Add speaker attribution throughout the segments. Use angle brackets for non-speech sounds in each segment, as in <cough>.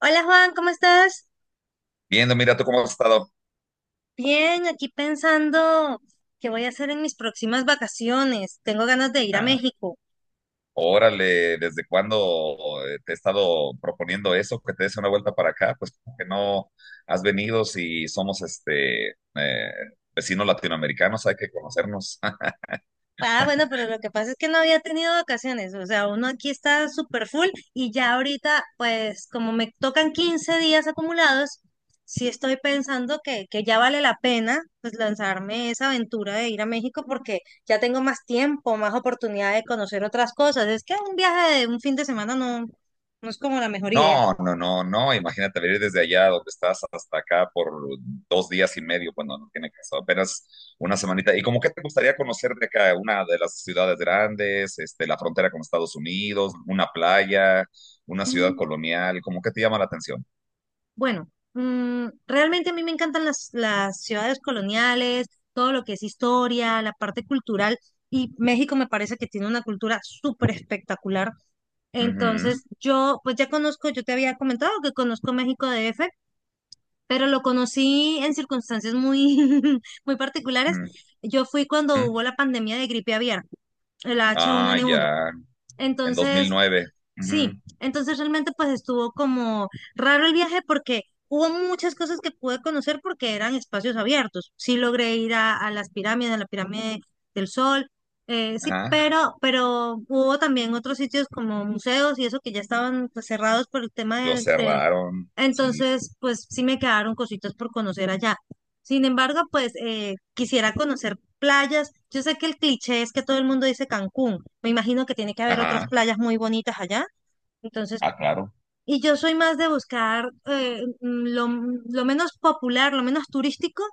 Speaker 1: Hola Juan, ¿cómo estás?
Speaker 2: Viendo, mira tú cómo has estado.
Speaker 1: Bien, aquí pensando qué voy a hacer en mis próximas vacaciones. Tengo ganas de ir a
Speaker 2: Ah,
Speaker 1: México.
Speaker 2: órale, ¿desde cuándo te he estado proponiendo eso, que te des una vuelta para acá? Pues como que no has venido si somos vecinos latinoamericanos, hay que conocernos. <laughs>
Speaker 1: Ah, bueno, pero lo que pasa es que no había tenido vacaciones. O sea, uno aquí está súper full y ya ahorita, pues como me tocan 15 días acumulados, sí estoy pensando que ya vale la pena pues lanzarme esa aventura de ir a México porque ya tengo más tiempo, más oportunidad de conocer otras cosas. Es que un viaje de un fin de semana no es como la mejor idea.
Speaker 2: No, no, no, no, imagínate venir desde allá donde estás hasta acá por dos días y medio. Bueno, no tiene caso, apenas una semanita. ¿Y como qué te gustaría conocer de acá? ¿Una de las ciudades grandes, este, la frontera con Estados Unidos, una playa, una ciudad colonial? ¿Cómo qué te llama la atención?
Speaker 1: Bueno, realmente a mí me encantan las ciudades coloniales, todo lo que es historia, la parte cultural, y México me parece que tiene una cultura súper espectacular.
Speaker 2: Ujú,
Speaker 1: Entonces, yo pues ya conozco, yo te había comentado que conozco México DF, pero lo conocí en circunstancias muy, <laughs> muy particulares. Yo fui cuando
Speaker 2: ujú.
Speaker 1: hubo la pandemia de gripe aviar, el
Speaker 2: Ah,
Speaker 1: H1N1.
Speaker 2: ya, en
Speaker 1: Entonces,
Speaker 2: 2009.
Speaker 1: sí,
Speaker 2: Ujú.
Speaker 1: entonces realmente pues estuvo como raro el viaje porque hubo muchas cosas que pude conocer porque eran espacios abiertos. Sí logré ir a las pirámides, a la pirámide del Sol, sí,
Speaker 2: Ajá,
Speaker 1: pero hubo también otros sitios como museos y eso que ya estaban pues, cerrados por el tema
Speaker 2: lo
Speaker 1: del...
Speaker 2: cerraron, sí,
Speaker 1: Entonces pues sí me quedaron cositas por conocer allá. Sin embargo, pues quisiera conocer playas. Yo sé que el cliché es que todo el mundo dice Cancún. Me imagino que tiene que haber otras
Speaker 2: ajá,
Speaker 1: playas muy bonitas allá. Entonces,
Speaker 2: ah, claro,
Speaker 1: y yo soy más de buscar lo menos popular, lo menos turístico,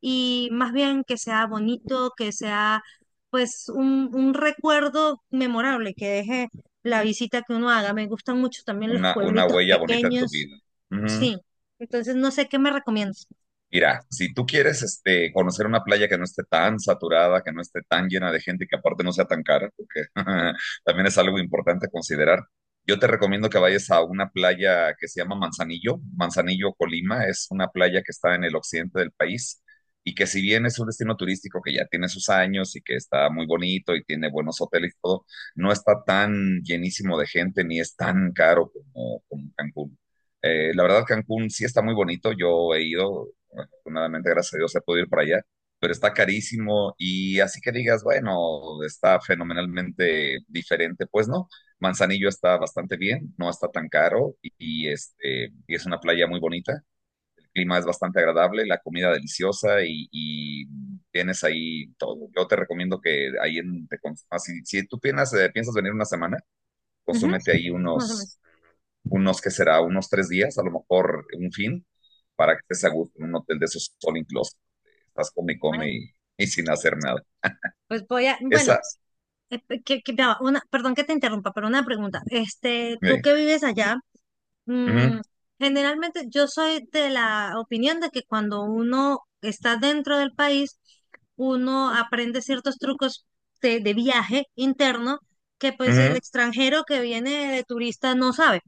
Speaker 1: y más bien que sea bonito, que sea pues un recuerdo memorable, que deje la visita que uno haga. Me gustan mucho también los
Speaker 2: una
Speaker 1: pueblitos
Speaker 2: huella bonita en tu
Speaker 1: pequeños,
Speaker 2: vida.
Speaker 1: sí. Entonces, no sé qué me recomiendas.
Speaker 2: Mira, si tú quieres este, conocer una playa que no esté tan saturada, que no esté tan llena de gente, y que aparte no sea tan cara, porque <laughs> también es algo importante a considerar, yo te recomiendo que vayas a una playa que se llama Manzanillo, Manzanillo, Colima, es una playa que está en el occidente del país y que si bien es un destino turístico que ya tiene sus años y que está muy bonito y tiene buenos hoteles y todo, no está tan llenísimo de gente ni es tan caro como Cancún. La verdad, Cancún sí está muy bonito. Yo he ido. Afortunadamente, gracias a Dios, he podido ir para allá, pero está carísimo y así que digas, bueno, está fenomenalmente diferente, pues no. Manzanillo está bastante bien, no está tan caro y es una playa muy bonita. El clima es bastante agradable, la comida deliciosa y tienes ahí todo. Yo te recomiendo que ahí en, te consumas. Si, si tú piensas, piensas venir una semana,
Speaker 1: Ujú,
Speaker 2: consúmete ahí
Speaker 1: más o
Speaker 2: unos,
Speaker 1: menos.
Speaker 2: unos, ¿qué será? Unos tres días, a lo mejor un fin, para que estés a gusto en un hotel de esos all inclusive, estás come y
Speaker 1: Bueno,
Speaker 2: come y sin hacer nada.
Speaker 1: pues voy a, bueno,
Speaker 2: Esa,
Speaker 1: ya va, una, perdón que te interrumpa, pero una pregunta. Este, tú
Speaker 2: sí.
Speaker 1: que vives allá. Mm,
Speaker 2: Ujú,
Speaker 1: generalmente yo soy de la opinión de que cuando uno está dentro del país, uno aprende ciertos trucos de viaje interno que pues el
Speaker 2: ujú,
Speaker 1: extranjero que viene de turista no sabe.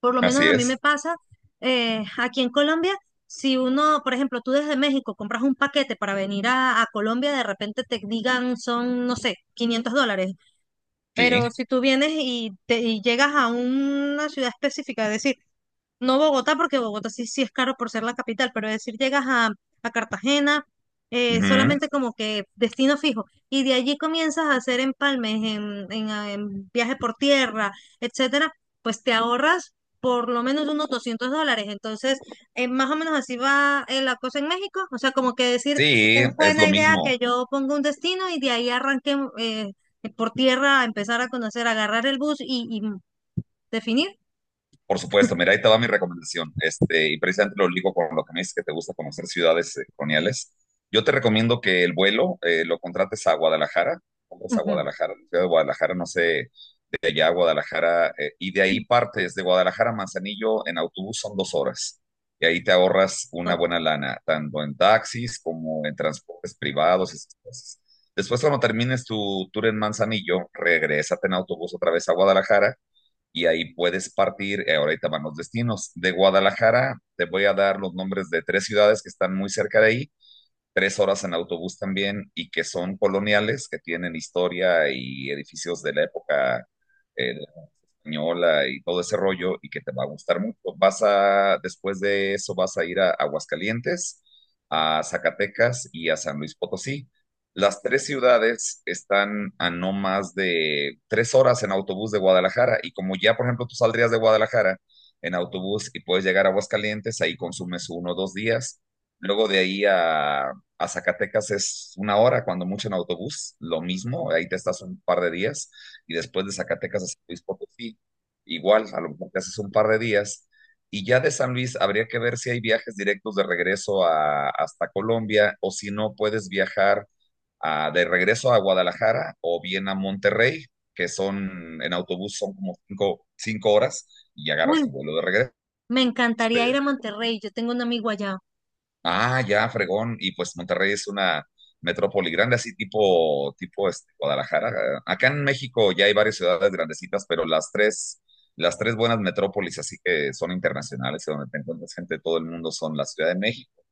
Speaker 1: Por lo menos
Speaker 2: así
Speaker 1: a mí me
Speaker 2: es,
Speaker 1: pasa, aquí en Colombia, si uno, por ejemplo, tú desde México compras un paquete para venir a Colombia, de repente te digan son, no sé, 500 dólares. Pero
Speaker 2: sí,
Speaker 1: si tú vienes y llegas a una ciudad específica, es decir, no Bogotá, porque Bogotá sí es caro por ser la capital, pero es decir, llegas a Cartagena,
Speaker 2: ujú,
Speaker 1: solamente como que destino fijo, y de allí comienzas a hacer empalmes en viaje por tierra, etcétera, pues te ahorras por lo menos unos 200 dólares. Entonces, más o menos así va, la cosa en México. O sea, como que decir,
Speaker 2: sí,
Speaker 1: es
Speaker 2: es lo
Speaker 1: buena idea
Speaker 2: mismo.
Speaker 1: que yo ponga un destino y de ahí arranque, por tierra a empezar a conocer, agarrar el bus y definir.
Speaker 2: Por supuesto, mira, ahí te va mi recomendación. Este, y precisamente lo ligo con lo que me dices que te gusta conocer ciudades coloniales. Yo te recomiendo que el vuelo lo contrates a Guadalajara, compras a
Speaker 1: Ujú.
Speaker 2: Guadalajara, la ciudad de Guadalajara, no sé, de allá a Guadalajara, y de ahí partes de Guadalajara a Manzanillo en autobús, son dos horas. Y ahí te ahorras una buena lana, tanto en taxis como en transportes privados y esas cosas. Después, cuando termines tu tour en Manzanillo, regrésate en autobús otra vez a Guadalajara y ahí puedes partir, ahorita van los destinos. De Guadalajara te voy a dar los nombres de tres ciudades que están muy cerca de ahí, tres horas en autobús también y que son coloniales, que tienen historia y edificios de la época eh, española y todo ese rollo y que te va a gustar mucho. Vas a, después de eso vas a ir a Aguascalientes, a Zacatecas y a San Luis Potosí. Las tres ciudades están a no más de tres horas en autobús de Guadalajara y como ya, por ejemplo, tú saldrías de Guadalajara en autobús y puedes llegar a Aguascalientes, ahí consumes uno o dos días. Luego de ahí a Zacatecas es una hora, cuando mucho, en autobús, lo mismo, ahí te estás un par de días y después de Zacatecas a San Luis Potosí, igual, a lo mejor te haces un par de días, y ya de San Luis habría que ver si hay viajes directos de regreso a, hasta Colombia o si no puedes viajar a- de regreso a Guadalajara o bien a Monterrey, que son en autobús, son como cinco horas y agarras tu
Speaker 1: Uy,
Speaker 2: vuelo de regreso.
Speaker 1: me encantaría
Speaker 2: Este,
Speaker 1: ir a Monterrey, yo tengo un amigo allá.
Speaker 2: ah, ya, fregón. Y pues Monterrey es una metrópoli grande, así tipo, tipo este, Guadalajara. Acá en México ya hay varias ciudades grandecitas, pero las tres buenas metrópolis, así que son internacionales, y donde te encuentras gente de todo el mundo, son la Ciudad de México,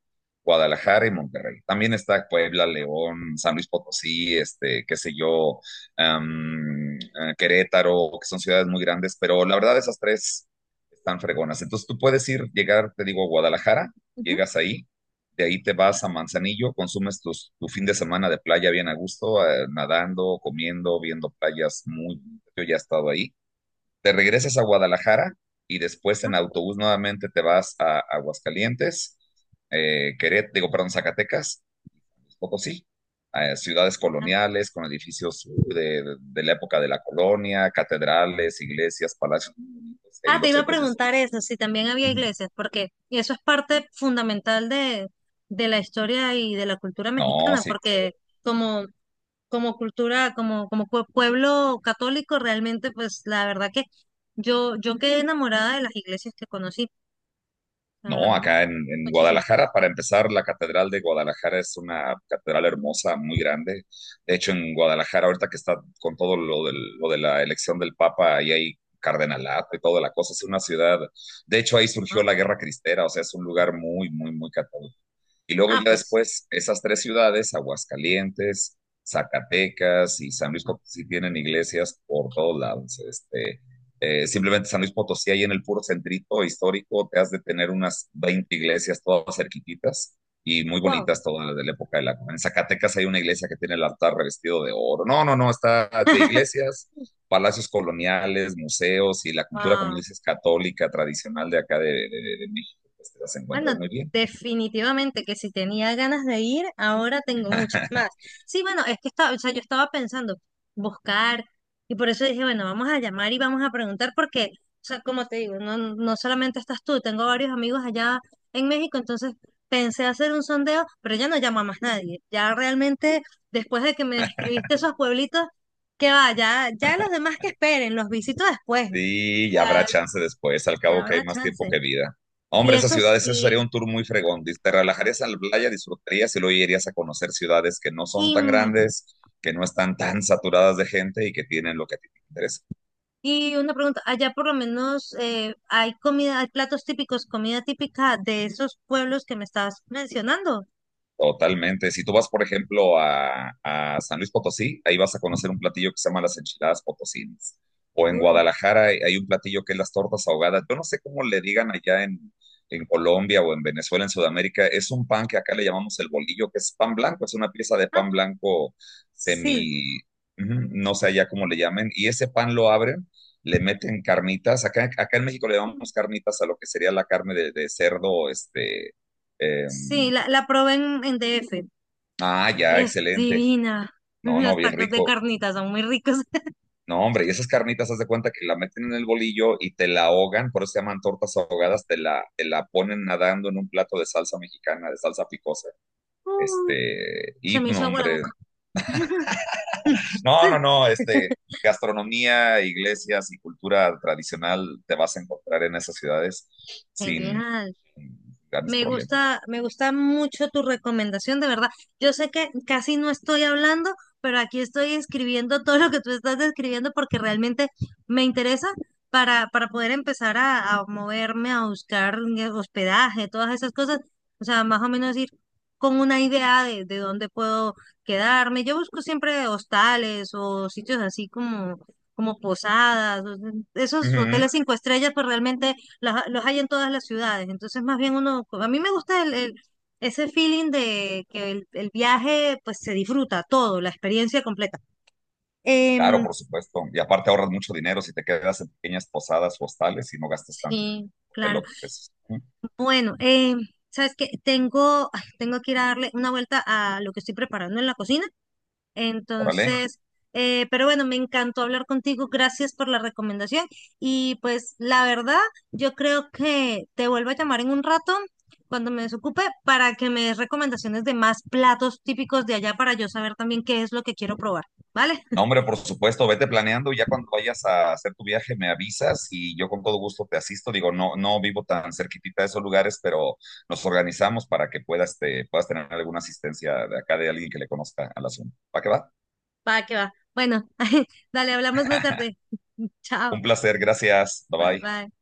Speaker 2: Guadalajara y Monterrey. También está Puebla, León, San Luis Potosí, este, qué sé yo, Querétaro, que son ciudades muy grandes, pero la verdad esas tres están fregonas. Entonces tú puedes ir, llegar, te digo, a Guadalajara,
Speaker 1: Ujú.
Speaker 2: llegas ahí, de ahí te vas a Manzanillo, consumes tu fin de semana de playa bien a gusto, nadando, comiendo, viendo playas muy... Yo ya he estado ahí. Te regresas a Guadalajara y después en autobús nuevamente te vas a Aguascalientes, perdón, Zacatecas, Potosí, ciudades coloniales con edificios de la época de la colonia, catedrales, iglesias, palacios, y
Speaker 1: Ah, te
Speaker 2: los
Speaker 1: iba a
Speaker 2: centros
Speaker 1: preguntar eso, si también había
Speaker 2: Ujú.
Speaker 1: iglesias, porque eso es parte fundamental de la historia y de la cultura
Speaker 2: No,
Speaker 1: mexicana,
Speaker 2: sí,
Speaker 1: porque como, como cultura, como, como pueblo católico, realmente, pues la verdad que yo quedé enamorada de las iglesias que conocí, ah,
Speaker 2: no, acá en
Speaker 1: muchísimo.
Speaker 2: Guadalajara, para empezar, la Catedral de Guadalajara es una catedral hermosa, muy grande. De hecho, en Guadalajara, ahorita que está con todo lo, lo de la elección del Papa, ahí hay cardenalato y toda la cosa, es una ciudad. De hecho, ahí surgió
Speaker 1: Ah,
Speaker 2: la Guerra Cristera, o sea, es un lugar muy, muy, muy católico. Y luego
Speaker 1: ah,
Speaker 2: ya
Speaker 1: pues,
Speaker 2: después, esas tres ciudades, Aguascalientes, Zacatecas y San Luis Potosí, tienen iglesias por todos lados. Este, simplemente San Luis Potosí, ahí en el puro centrito histórico, te has de tener unas 20 iglesias todas cerquititas y muy bonitas todas de la época de la... En Zacatecas hay una iglesia que tiene el altar revestido de oro. No, no, no, está de iglesias, palacios coloniales, museos y la cultura, como
Speaker 1: wow.
Speaker 2: dices, católica, tradicional de acá de México, pues te las
Speaker 1: Bueno,
Speaker 2: encuentras muy bien.
Speaker 1: definitivamente que si tenía ganas de ir, ahora tengo muchas más. Sí, bueno, es que estaba, o sea, yo estaba pensando buscar y por eso dije, bueno, vamos a llamar y vamos a preguntar porque, o sea, como te digo, no, no solamente estás tú, tengo varios amigos allá en México, entonces pensé hacer un sondeo, pero ya no llamo a más nadie. Ya realmente, después de que me describiste esos pueblitos, que va, ya, ya los demás que esperen, los visito después.
Speaker 2: Sí, ya habrá
Speaker 1: Ah,
Speaker 2: chance después, al
Speaker 1: ya
Speaker 2: cabo que hay
Speaker 1: habrá
Speaker 2: más tiempo
Speaker 1: chance.
Speaker 2: que vida.
Speaker 1: Y
Speaker 2: Hombre, esas
Speaker 1: eso
Speaker 2: ciudades, eso sería
Speaker 1: sí.
Speaker 2: un tour muy fregón. Te relajarías en la playa, disfrutarías y luego irías a conocer ciudades que no son
Speaker 1: Y,
Speaker 2: tan grandes, que no están tan saturadas de gente y que tienen lo que a ti te interesa.
Speaker 1: y una pregunta, allá por lo menos, hay comida, hay platos típicos, comida típica de esos pueblos que me estabas mencionando.
Speaker 2: Totalmente. Si tú vas, por ejemplo, a San Luis Potosí, ahí vas a conocer un platillo que se llama las enchiladas potosinas. O en
Speaker 1: Uy,
Speaker 2: Guadalajara hay un platillo que es las tortas ahogadas. Yo no sé cómo le digan allá en Colombia o en Venezuela, en Sudamérica. Es un pan que acá le llamamos el bolillo, que es pan blanco, es una pieza de
Speaker 1: ah,
Speaker 2: pan blanco
Speaker 1: sí,
Speaker 2: semi, ujú, no sé allá cómo le llamen. Y ese pan lo abren, le meten carnitas. Acá en México le llamamos carnitas a lo que sería la carne de cerdo, este,
Speaker 1: sí,
Speaker 2: em,
Speaker 1: la probé en DF
Speaker 2: ah, ya,
Speaker 1: y es
Speaker 2: excelente.
Speaker 1: divina. <laughs>
Speaker 2: No, no,
Speaker 1: Los
Speaker 2: bien
Speaker 1: tacos de
Speaker 2: rico.
Speaker 1: carnitas son muy ricos. <laughs>
Speaker 2: No, hombre, y esas carnitas, haz de cuenta que la meten en el bolillo y te la ahogan, por eso se llaman tortas ahogadas, te la ponen nadando en un plato de salsa mexicana, de salsa picosa.
Speaker 1: Uy,
Speaker 2: Este,
Speaker 1: se
Speaker 2: y
Speaker 1: me
Speaker 2: no,
Speaker 1: hizo agua la
Speaker 2: hombre,
Speaker 1: boca. <laughs> Sí,
Speaker 2: no, no, no, este, gastronomía, iglesias y cultura tradicional te vas a encontrar en esas ciudades sin
Speaker 1: genial.
Speaker 2: sin grandes problemas.
Speaker 1: Me gusta mucho tu recomendación, de verdad. Yo sé que casi no estoy hablando, pero aquí estoy escribiendo todo lo que tú estás describiendo porque realmente me interesa para poder empezar a moverme, a buscar, hospedaje, todas esas cosas. O sea, más o menos ir con una idea de dónde puedo quedarme. Yo busco siempre hostales o sitios así como, como posadas, o esos
Speaker 2: Ujú.
Speaker 1: hoteles 5 estrellas, pues realmente los hay en todas las ciudades. Entonces, más bien uno, pues, a mí me gusta ese feeling de que el viaje, pues se disfruta todo, la experiencia completa.
Speaker 2: Claro,
Speaker 1: Em,
Speaker 2: por supuesto. Y aparte ahorras mucho dinero si te quedas en pequeñas posadas o hostales y no gastas tanto
Speaker 1: sí,
Speaker 2: de lo
Speaker 1: claro.
Speaker 2: que es.
Speaker 1: Bueno, ¿sabes qué? Tengo, ay, tengo que ir a darle una vuelta a lo que estoy preparando en la cocina.
Speaker 2: Órale.
Speaker 1: Entonces, pero bueno, me encantó hablar contigo. Gracias por la recomendación. Y pues la verdad, yo creo que te vuelvo a llamar en un rato cuando me desocupe para que me des recomendaciones de más platos típicos de allá para yo saber también qué es lo que quiero probar. ¿Vale?
Speaker 2: No, hombre, por supuesto, vete planeando y ya cuando vayas a hacer tu viaje me avisas y yo con todo gusto te asisto. Digo, no, no vivo tan cerquitita de esos lugares, pero nos organizamos para que puedas, te, puedas tener alguna asistencia de acá de alguien que le conozca al asunto. ¿Para qué va?
Speaker 1: Va, que va. Bueno, <laughs> dale, hablamos más tarde. <laughs>
Speaker 2: Un
Speaker 1: Chao.
Speaker 2: placer, gracias. Bye
Speaker 1: Bye,
Speaker 2: bye.
Speaker 1: bye.